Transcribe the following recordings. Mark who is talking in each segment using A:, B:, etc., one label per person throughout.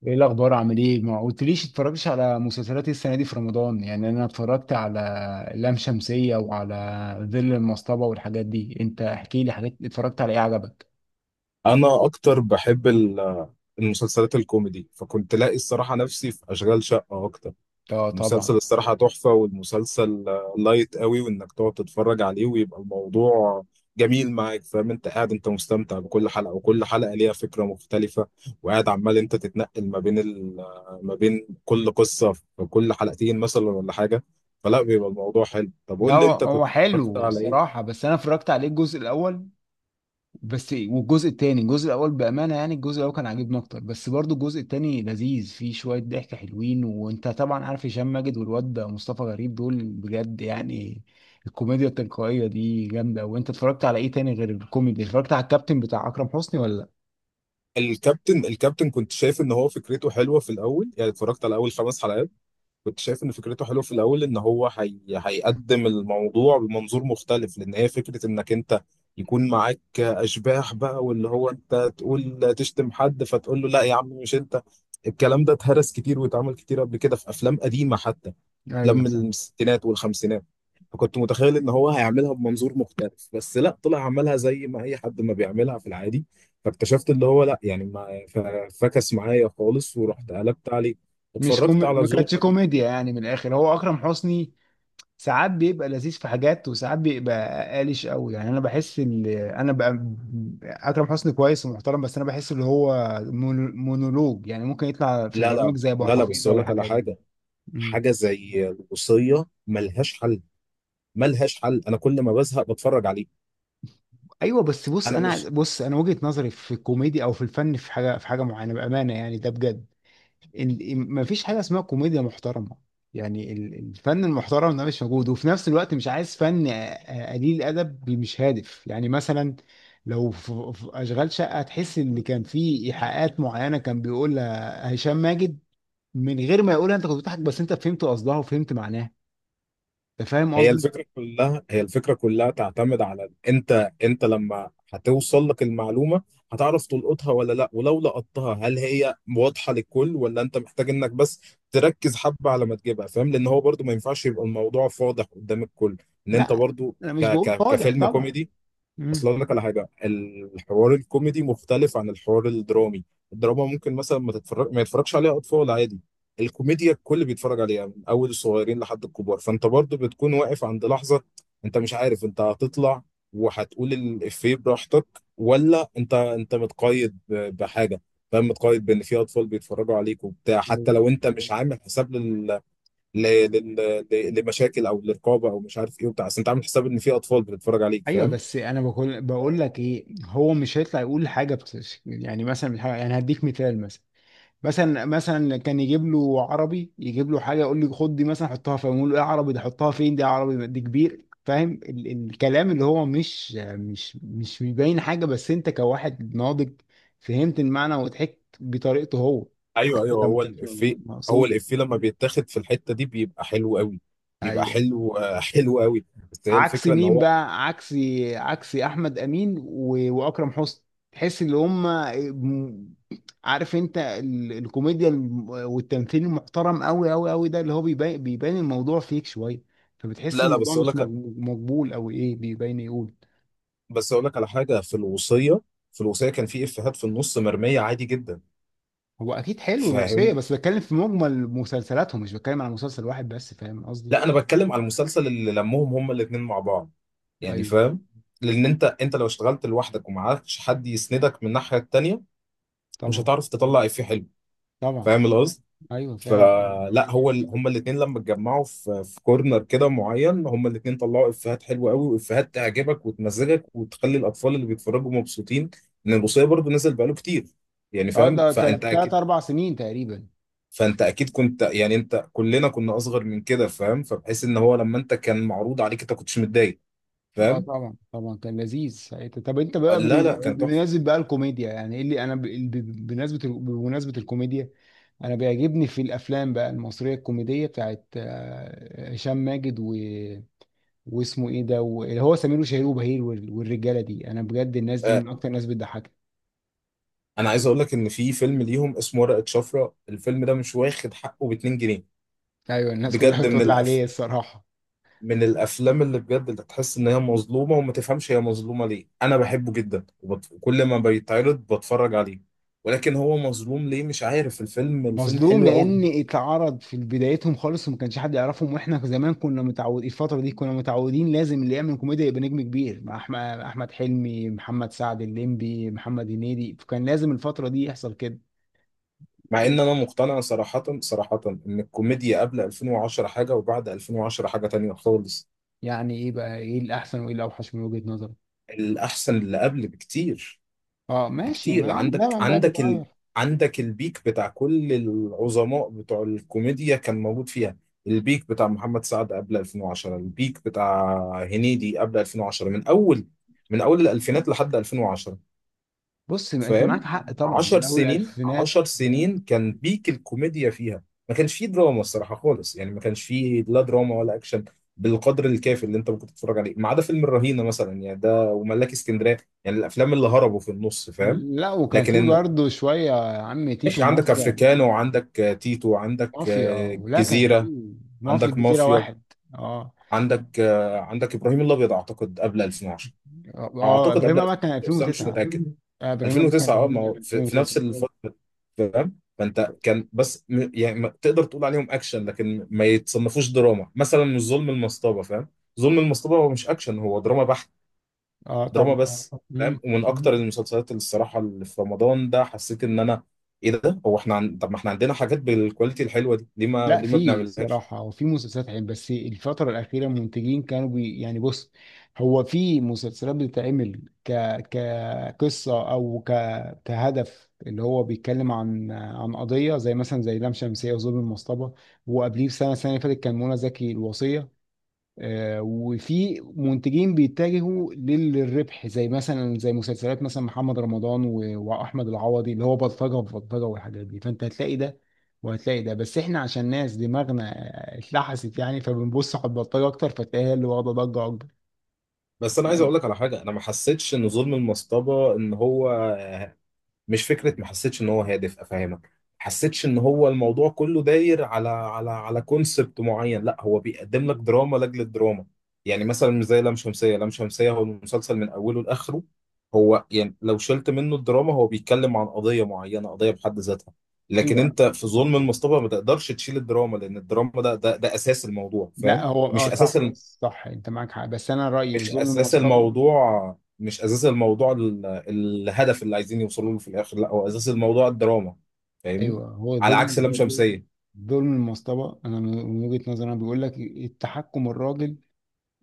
A: ايه الاخبار؟ عامل ايه؟ ما قلتليش اتفرجتش على مسلسلات إيه السنه دي في رمضان؟ يعني انا اتفرجت على لام شمسيه وعلى ظل المصطبه والحاجات دي. انت احكي لي، حاجات اتفرجت على ايه عجبك؟
B: انا اكتر بحب المسلسلات الكوميدي، فكنت لاقي الصراحه نفسي في اشغال شقه اكتر.
A: اه طبعا.
B: المسلسل الصراحه تحفه، والمسلسل لايت قوي، وانك تقعد تتفرج عليه ويبقى الموضوع جميل معاك. فاهم؟ انت قاعد، انت مستمتع بكل حلقه، وكل حلقه ليها فكره مختلفه، وقاعد عمال انت تتنقل ما بين ما بين كل قصه في كل حلقتين مثلا ولا حاجه، فلا بيبقى الموضوع حلو. طب
A: لا،
B: قول لي،
A: هو
B: انت كنت
A: هو
B: اتفرجت
A: حلو
B: على ايه؟
A: الصراحه، بس انا اتفرجت عليه الجزء الاول بس والجزء التاني. الجزء الاول بامانه، يعني الجزء الاول كان عاجبني اكتر، بس برضو الجزء التاني لذيذ، فيه شويه ضحك حلوين. وانت طبعا عارف هشام ماجد، والواد ده مصطفى غريب، دول بجد يعني الكوميديا التلقائيه دي جامده. وانت اتفرجت على ايه تاني غير الكوميدي؟ اتفرجت على الكابتن بتاع اكرم حسني ولا؟
B: الكابتن؟ الكابتن كنت شايف ان هو فكرته حلوه في الاول، يعني اتفرجت على اول 5 حلقات. كنت شايف ان فكرته حلوه في الاول، ان هو هيقدم الموضوع بمنظور مختلف، لان هي فكره انك انت يكون معاك اشباح بقى، واللي هو انت تقول تشتم حد فتقول له لا يا عم مش انت. الكلام ده اتهرس كتير واتعمل كتير قبل كده في افلام قديمه، حتى
A: لا
B: افلام
A: ايوه صح.
B: من الستينات والخمسينات. فكنت متخيل ان هو هيعملها بمنظور مختلف، بس لا، طلع عملها زي ما اي حد ما بيعملها في العادي. فاكتشفت اللي هو لا يعني ما ف- فكس معايا خالص، ورحت قلبت عليه،
A: مش كوم...
B: اتفرجت على
A: ما
B: ظلم.
A: كانتش كوميديا يعني، من الاخر هو اكرم حسني ساعات بيبقى لذيذ في حاجات، وساعات بيبقى قالش قوي. يعني انا بحس ان انا بقى اكرم حسني كويس ومحترم، بس انا بحس ان هو مونولوج. يعني ممكن يطلع في
B: لا
A: برامج
B: لا
A: زي ابو
B: لا لا، بس
A: حفيظه
B: اقول لك على
A: والحاجات دي.
B: حاجه.
A: مم.
B: حاجه زي الوصيه ملهاش حل، ملهاش حل. انا كل ما بزهق بتفرج عليه.
A: ايوه بس بص،
B: انا
A: انا
B: مش...
A: بص انا وجهة نظري في الكوميديا او في الفن، في حاجه معينه، بامانه يعني، ده بجد. مفيش حاجه اسمها كوميديا محترمه. يعني الفن المحترم ده مش موجود، وفي نفس الوقت مش عايز فن قليل ادب مش هادف. يعني مثلا لو في اشغال شقه، تحس ان كان في ايحاءات معينه كان بيقولها هشام ماجد من غير ما يقولها، انت كنت بتضحك بس انت فهمت قصدها وفهمت معناها. انت فاهم
B: هي
A: قصدي؟
B: الفكره كلها، هي الفكره كلها تعتمد على انت لما هتوصل لك المعلومه، هتعرف تلقطها ولا لا، ولو لقطتها هل هي واضحه للكل ولا انت محتاج انك بس تركز حبه على ما تجيبها. فاهم؟ لان هو برضو ما ينفعش يبقى الموضوع فاضح قدام الكل، ان انت
A: لا
B: برضو
A: انا
B: ك
A: مش بقول
B: ك
A: فاضح
B: كفيلم
A: طبعا.
B: كوميدي. اصل
A: مم.
B: اقول لك على حاجه، الحوار الكوميدي مختلف عن الحوار الدرامي. الدراما ممكن مثلا ما يتفرجش عليها اطفال عادي. الكوميديا الكل بيتفرج عليها من اول الصغيرين لحد الكبار، فانت برضو بتكون واقف عند لحظه. انت مش عارف انت هتطلع وهتقول الافيه براحتك ولا انت متقيد بحاجه. فاهم؟ متقيد بان في اطفال بيتفرجوا عليك وبتاع، حتى
A: أيوة.
B: لو انت مش عامل حساب لل... لل... لمشاكل او لرقابه او مش عارف ايه وبتاع، بس انت عامل حساب ان في اطفال بتتفرج عليك.
A: ايوه
B: فاهم؟
A: بس انا بقول لك ايه، هو مش هيطلع يقول حاجه يعني مثلا مش يعني هديك مثال. مثلا كان يجيب له عربي، يجيب له حاجه يقول لي خد دي مثلا حطها فين، يقول له ايه عربي ده حطها فين؟ دي عربي دي كبير. فاهم الكلام اللي هو مش بيبين حاجه، بس انت كواحد ناضج فهمت المعنى وضحكت بطريقته هو،
B: ايوه
A: حتى
B: ايوه،
A: لو ما
B: هو
A: كانش
B: الافيه. هو
A: مقصوده.
B: الافيه لما بيتاخد في الحته دي بيبقى حلو قوي، بيبقى
A: ايوه.
B: حلو، حلو قوي. بس هي
A: عكس
B: الفكره ان
A: مين
B: هو...
A: بقى؟ عكس احمد امين واكرم حسني. تحس ان هم، عارف، انت الكوميديا والتمثيل المحترم قوي قوي قوي ده اللي هو بيبان الموضوع فيك شويه. فبتحس
B: لا لا،
A: الموضوع
B: بس اقول
A: مش
B: لك،
A: مقبول او ايه، بيبان يقول.
B: بس اقول لك على حاجه. في الوصيه، في الوصيه كان في افيهات في النص مرميه عادي جدا.
A: هو اكيد حلو الروسيه،
B: فاهم؟
A: بس بتكلم في مجمل مسلسلاتهم، مش بتكلم على مسلسل واحد بس. فاهم قصدي؟
B: لا، انا بتكلم على المسلسل اللي لمهم هما الاثنين مع بعض، يعني.
A: ايوه
B: فاهم؟ لان انت لو اشتغلت لوحدك ومعكش حد يسندك من الناحيه التانيه، مش
A: طبعا
B: هتعرف تطلع افيه حلو.
A: طبعا.
B: فاهم القصد؟
A: ايوه فاهم.
B: فلا، هو هما الاثنين لما اتجمعوا في كورنر كده معين، هما الاثنين طلعوا افيهات حلوه قوي، وافيهات تعجبك وتمزجك وتخلي الاطفال اللي بيتفرجوا مبسوطين. ان البوصيه برضو نزل بقاله كتير، يعني.
A: اه
B: فاهم؟
A: ده
B: فانت
A: تلات
B: اكيد،
A: اربع سنين تقريبا.
B: فانت اكيد كنت، يعني انت كلنا كنا اصغر من كده. فاهم؟ فبحيث ان هو لما انت كان معروض عليك انت كنتش متضايق.
A: اه
B: فاهم؟
A: طبعا طبعا، كان لذيذ ساعتها. طب انت
B: آه،
A: بقى
B: لا لا، كان تحفه.
A: بمناسبة بقى الكوميديا، يعني ايه اللي انا بمناسبة الكوميديا، انا بيعجبني في الافلام بقى المصرية الكوميدية بتاعت هشام ماجد واسمه ايه ده اللي هو سمير وشهير وبهير والرجالة دي، انا بجد الناس دي من
B: آه،
A: اكتر الناس بتضحكني.
B: انا عايز اقول لك ان في فيلم ليهم اسمه ورقه شفره. الفيلم ده مش واخد حقه ب 2 جنيه.
A: ايوه الناس كلها
B: بجد من
A: بتقول عليه
B: الافلام،
A: الصراحة.
B: من الافلام اللي بجد اللي تحس ان هي مظلومه وما تفهمش هي مظلومه ليه. انا بحبه جدا كل ما بيتعرض بتفرج عليه. ولكن هو مظلوم ليه مش عارف. الفيلم، الفيلم
A: مظلوم
B: حلو قوي.
A: لان اتعرض في بدايتهم خالص وما كانش حد يعرفهم. واحنا زمان كنا متعودين، الفتره دي كنا متعودين لازم اللي يعمل كوميديا يبقى نجم كبير، مع احمد حلمي، محمد سعد الليمبي، محمد هنيدي. فكان لازم الفتره دي يحصل كده.
B: مع
A: إيه؟
B: ان انا مقتنع صراحه، صراحه ان الكوميديا قبل 2010 حاجه، وبعد 2010 حاجه تانية خالص.
A: يعني ايه بقى، ايه الاحسن وايه الاوحش من وجهه نظرك؟
B: الاحسن اللي قبل بكتير،
A: اه ماشي،
B: بكتير.
A: ما
B: عندك
A: زمان بقى
B: عندك
A: بيتغير.
B: عندك البيك بتاع كل العظماء بتوع الكوميديا كان موجود فيها. البيك بتاع محمد سعد قبل 2010، البيك بتاع هنيدي قبل 2010، من اول، من اول الالفينات لحد 2010.
A: بص ما انت معاك
B: فاهم؟
A: حق طبعا،
B: عشر
A: من اول
B: سنين
A: الالفينات.
B: 10 سنين كان بيك الكوميديا فيها. ما كانش فيه دراما الصراحة خالص، يعني ما كانش فيه لا دراما ولا أكشن بالقدر الكافي اللي انت ممكن تتفرج عليه، ما عدا فيلم الرهينة مثلا، يعني ده وملاك اسكندرية، يعني الأفلام اللي هربوا في النص. فاهم؟
A: لا وكان في
B: لكن إن-
A: برضه شويه، يا عم تيتو،
B: ماشي. عندك
A: مافيا.
B: افريكانو، وعندك تيتو، وعندك
A: مافيا ولا كان
B: جزيرة،
A: في؟ مافيا
B: عندك
A: الجزيره
B: مافيا،
A: واحد. اه
B: عندك آه، عندك إبراهيم الأبيض أعتقد قبل 2010.
A: اه،
B: أعتقد
A: ابراهيم
B: قبل
A: الابيض كان
B: 2010، بس أنا مش
A: 2009.
B: متأكد.
A: ابراهيم الابيض كان
B: 2009 اه، ما
A: كان
B: هو في، نفس
A: 2009.
B: الفترة. فاهم؟ فانت كان بس يعني ما تقدر تقول عليهم اكشن، لكن ما يتصنفوش دراما مثلا مش ظلم المصطبة. فاهم؟ ظلم المصطبة هو مش اكشن، هو دراما بحت،
A: اه
B: دراما
A: طبعا.
B: بس.
A: مم.
B: فاهم؟ ومن اكتر المسلسلات اللي الصراحة اللي في رمضان ده حسيت ان انا... ايه ده؟ هو احنا طب ما احنا عندنا حاجات بالكواليتي الحلوة دي، ليه ما،
A: لا
B: ليه ما
A: في
B: بنعملهاش؟
A: الصراحة وفي مسلسلات حلوة، بس الفترة الأخيرة المنتجين كانوا يعني بص، هو في مسلسلات بتتعمل كقصة أو كهدف، اللي هو بيتكلم عن قضية، زي مثلا زي لام شمسية وظلم المصطبة. وقبليه بسنة، السنة اللي فاتت، كان منى زكي الوصية. وفي منتجين بيتجهوا للربح، زي مثلا زي مسلسلات مثلا محمد رمضان واحمد العوضي، اللي هو بلطجه في بلطجه والحاجات دي. فانت هتلاقي ده وهتلاقي ده، بس احنا عشان ناس دماغنا اتلحست يعني، فبنبص على البلطجه اكتر، فتلاقيها اللي واخده ضجه اكبر.
B: بس انا عايز اقول لك على حاجة. انا ما حسيتش ان ظلم المصطبة ان هو مش فكره، ما حسيتش ان هو هادف افهمك، ما حسيتش ان هو الموضوع كله داير على كونسبت معين. لا، هو بيقدم لك دراما لاجل الدراما، يعني مثلا مش زي لام شمسيه. لام شمسيه هو المسلسل من اوله لاخره، هو يعني لو شلت منه الدراما هو بيتكلم عن قضيه معينه، قضيه بحد ذاتها. لكن
A: ايوه.
B: انت في ظلم المصطبه ما تقدرش تشيل الدراما، لان الدراما ده اساس الموضوع.
A: لا
B: فاهم؟
A: هو
B: مش
A: اه صح
B: اساس،
A: صح، انت معاك حق، بس انا رايي
B: مش
A: ظلم
B: اساس
A: المصطبه.
B: الموضوع مش اساس الموضوع، الهدف اللي عايزين يوصلوا له في الاخر، لا هو اساس الموضوع الدراما. فاهمني؟
A: ايوه هو
B: على عكس
A: ظلم
B: لام شمسية.
A: ظلم المصطبه انا من وجهه نظري انا بيقول لك التحكم، الراجل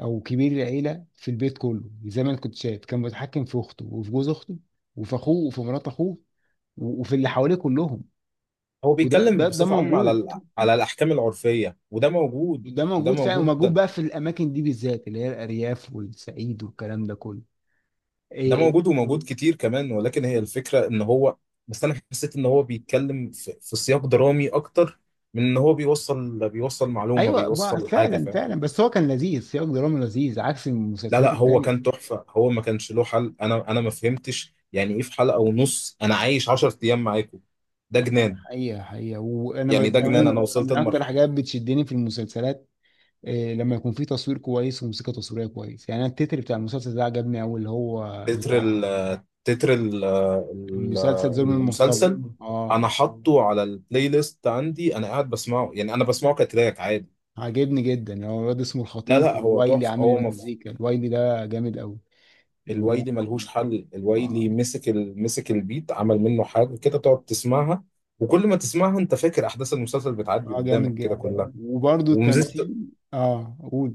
A: او كبير العيله في البيت كله، زي ما انا كنت شايف، كان متحكم في اخته وفي جوز اخته وفي اخوه وفي مرات اخوه وفي اللي حواليه كلهم.
B: هو
A: وده
B: بيتكلم
A: ده ده
B: بصفة عامة
A: موجود.
B: على الاحكام العرفية، وده موجود.
A: ده موجود فعلا، وموجود
B: ده،
A: بقى في الاماكن دي بالذات اللي هي الارياف والصعيد والكلام ده كله. إيه
B: ده
A: إيه.
B: موجود، وموجود كتير كمان. ولكن هي الفكرة ان هو... بس انا حسيت ان هو بيتكلم في، سياق درامي اكتر من ان هو بيوصل، بيوصل معلومة،
A: ايوه
B: بيوصل حاجة.
A: فعلا
B: فاهم؟
A: فعلا، بس هو كان لذيذ، سياق درامي لذيذ عكس
B: لا
A: المسلسلات
B: لا، هو
A: التانيه.
B: كان تحفة، هو ما كانش له حل. انا ما فهمتش يعني ايه في حلقة ونص انا عايش 10 ايام معاكم. ده
A: ده
B: جنان.
A: حقيقة حقيقة. وأنا
B: يعني ده جنان،
A: كمان
B: انا وصلت
A: من أكتر
B: لمرحلة...
A: حاجات بتشدني في المسلسلات، إيه لما يكون في تصوير كويس وموسيقى تصويريه كويس. يعني انا التتر بتاع المسلسل ده عجبني قوي، اللي هو
B: تتر
A: بتاع
B: ال تتر
A: المسلسل ظلم المصطبه.
B: المسلسل. انا
A: اه
B: حاطه على البلاي ليست عندي، انا قاعد بسمعه، يعني انا بسمعه كتراك عادي.
A: عجبني جدا، هو الواد اسمه
B: لا
A: الخطيب
B: لا، هو
A: والوايلي
B: تحفة،
A: عامل
B: هو
A: المزيكا، الوايلي ده جامد قوي و...
B: الويلي ملهوش حل.
A: اه
B: الويلي مسك مسك البيت، عمل منه حاجة كده تقعد تسمعها، وكل ما تسمعها انت فاكر احداث المسلسل بتعدي
A: اه جامد
B: قدامك كده
A: جدا.
B: كلها.
A: وبرده
B: وميزه...
A: التمثيل. اه قول.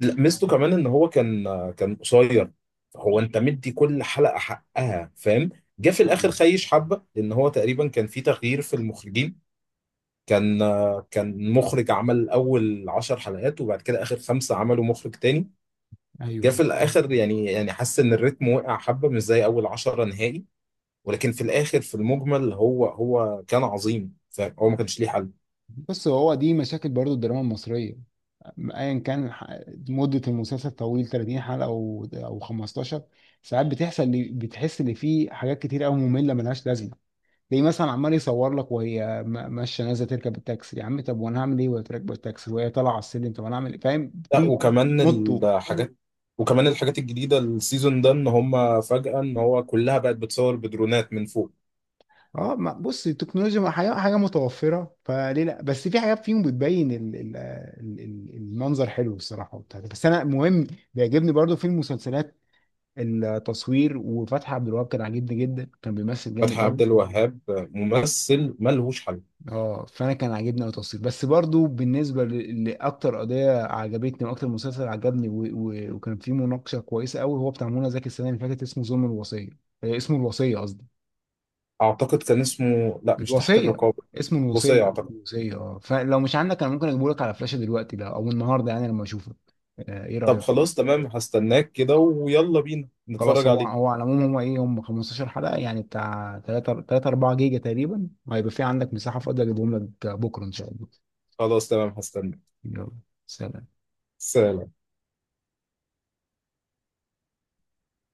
B: لا، ميزته كمان ان هو كان، كان قصير، فهو انت مدي كل حلقه حقها. فاهم؟ جه في
A: معاك.
B: الاخر خيش حبه، لان هو تقريبا كان في تغيير في المخرجين. كان، كان مخرج عمل اول 10 حلقات، وبعد كده اخر 5 عملوا مخرج تاني. جه في
A: ايوه
B: الاخر يعني، يعني حس ان الريتم وقع حبه مش زي اول 10 نهائي. ولكن في الاخر في المجمل هو، هو كان عظيم. فاهم؟ هو ما كانش ليه حل.
A: بص، هو دي مشاكل برضو الدراما المصريه، ايا كان مده المسلسل طويل، 30 حلقه او 15. ساعات بتحس ان في حاجات كتير قوي ممله ملهاش لازمه. زي مثلا عمال يصور لك وهي ماشيه نازله تركب التاكسي، يا عم طب وانا هعمل ايه وهي راكبه التاكسي وهي طالعه على السلم؟ طب انا هعمل ايه؟ فاهم،
B: لا،
A: في
B: وكمان
A: بيمطوا.
B: الحاجات، وكمان الحاجات الجديدة السيزون ده ان هم فجأة ان هو كلها بقت بتصور بدرونات من فوق.
A: اه بص التكنولوجيا ما حاجه متوفره، فليه لا، بس في حاجات فيهم بتبين ال المنظر حلو الصراحه وبتاع ده. بس انا مهم بيعجبني برضو في المسلسلات التصوير، وفتحي عبد الوهاب كان عاجبني جدا، كان بيمثل
B: فتحي
A: جامد قوي.
B: عبد الوهاب ممثل ملهوش حل.
A: اه فانا كان عاجبني أوي التصوير. بس برضو بالنسبه لاكتر قضيه عجبتني واكتر مسلسل عجبني وكان فيه مناقشه كويسه قوي، هو بتاع منى زكي السنه اللي فاتت، اسمه ظلم الوصيه اسمه الوصيه قصدي.
B: اعتقد كان اسمه لا مش تحت
A: الوصيه،
B: الرقابة،
A: اسمه
B: الوصية
A: الوصيه،
B: اعتقد.
A: الوصيه. اه فلو مش عندك انا ممكن اجيبه لك على فلاشه دلوقتي ده او النهارده، يعني لما اشوفك. ايه
B: طب
A: رايك؟
B: خلاص، تمام، هستناك كده ويلا بينا
A: خلاص.
B: نتفرج
A: هو
B: عليه.
A: هو على العموم، هو ايه، هم 15 حلقة يعني، بتاع 3 3 4 جيجا تقريبا، وهيبقى في عندك مساحة فاضية، اجيبهم لك بكرة ان شاء الله.
B: خلاص تمام، هستناك.
A: يلا. سلام.
B: سلام.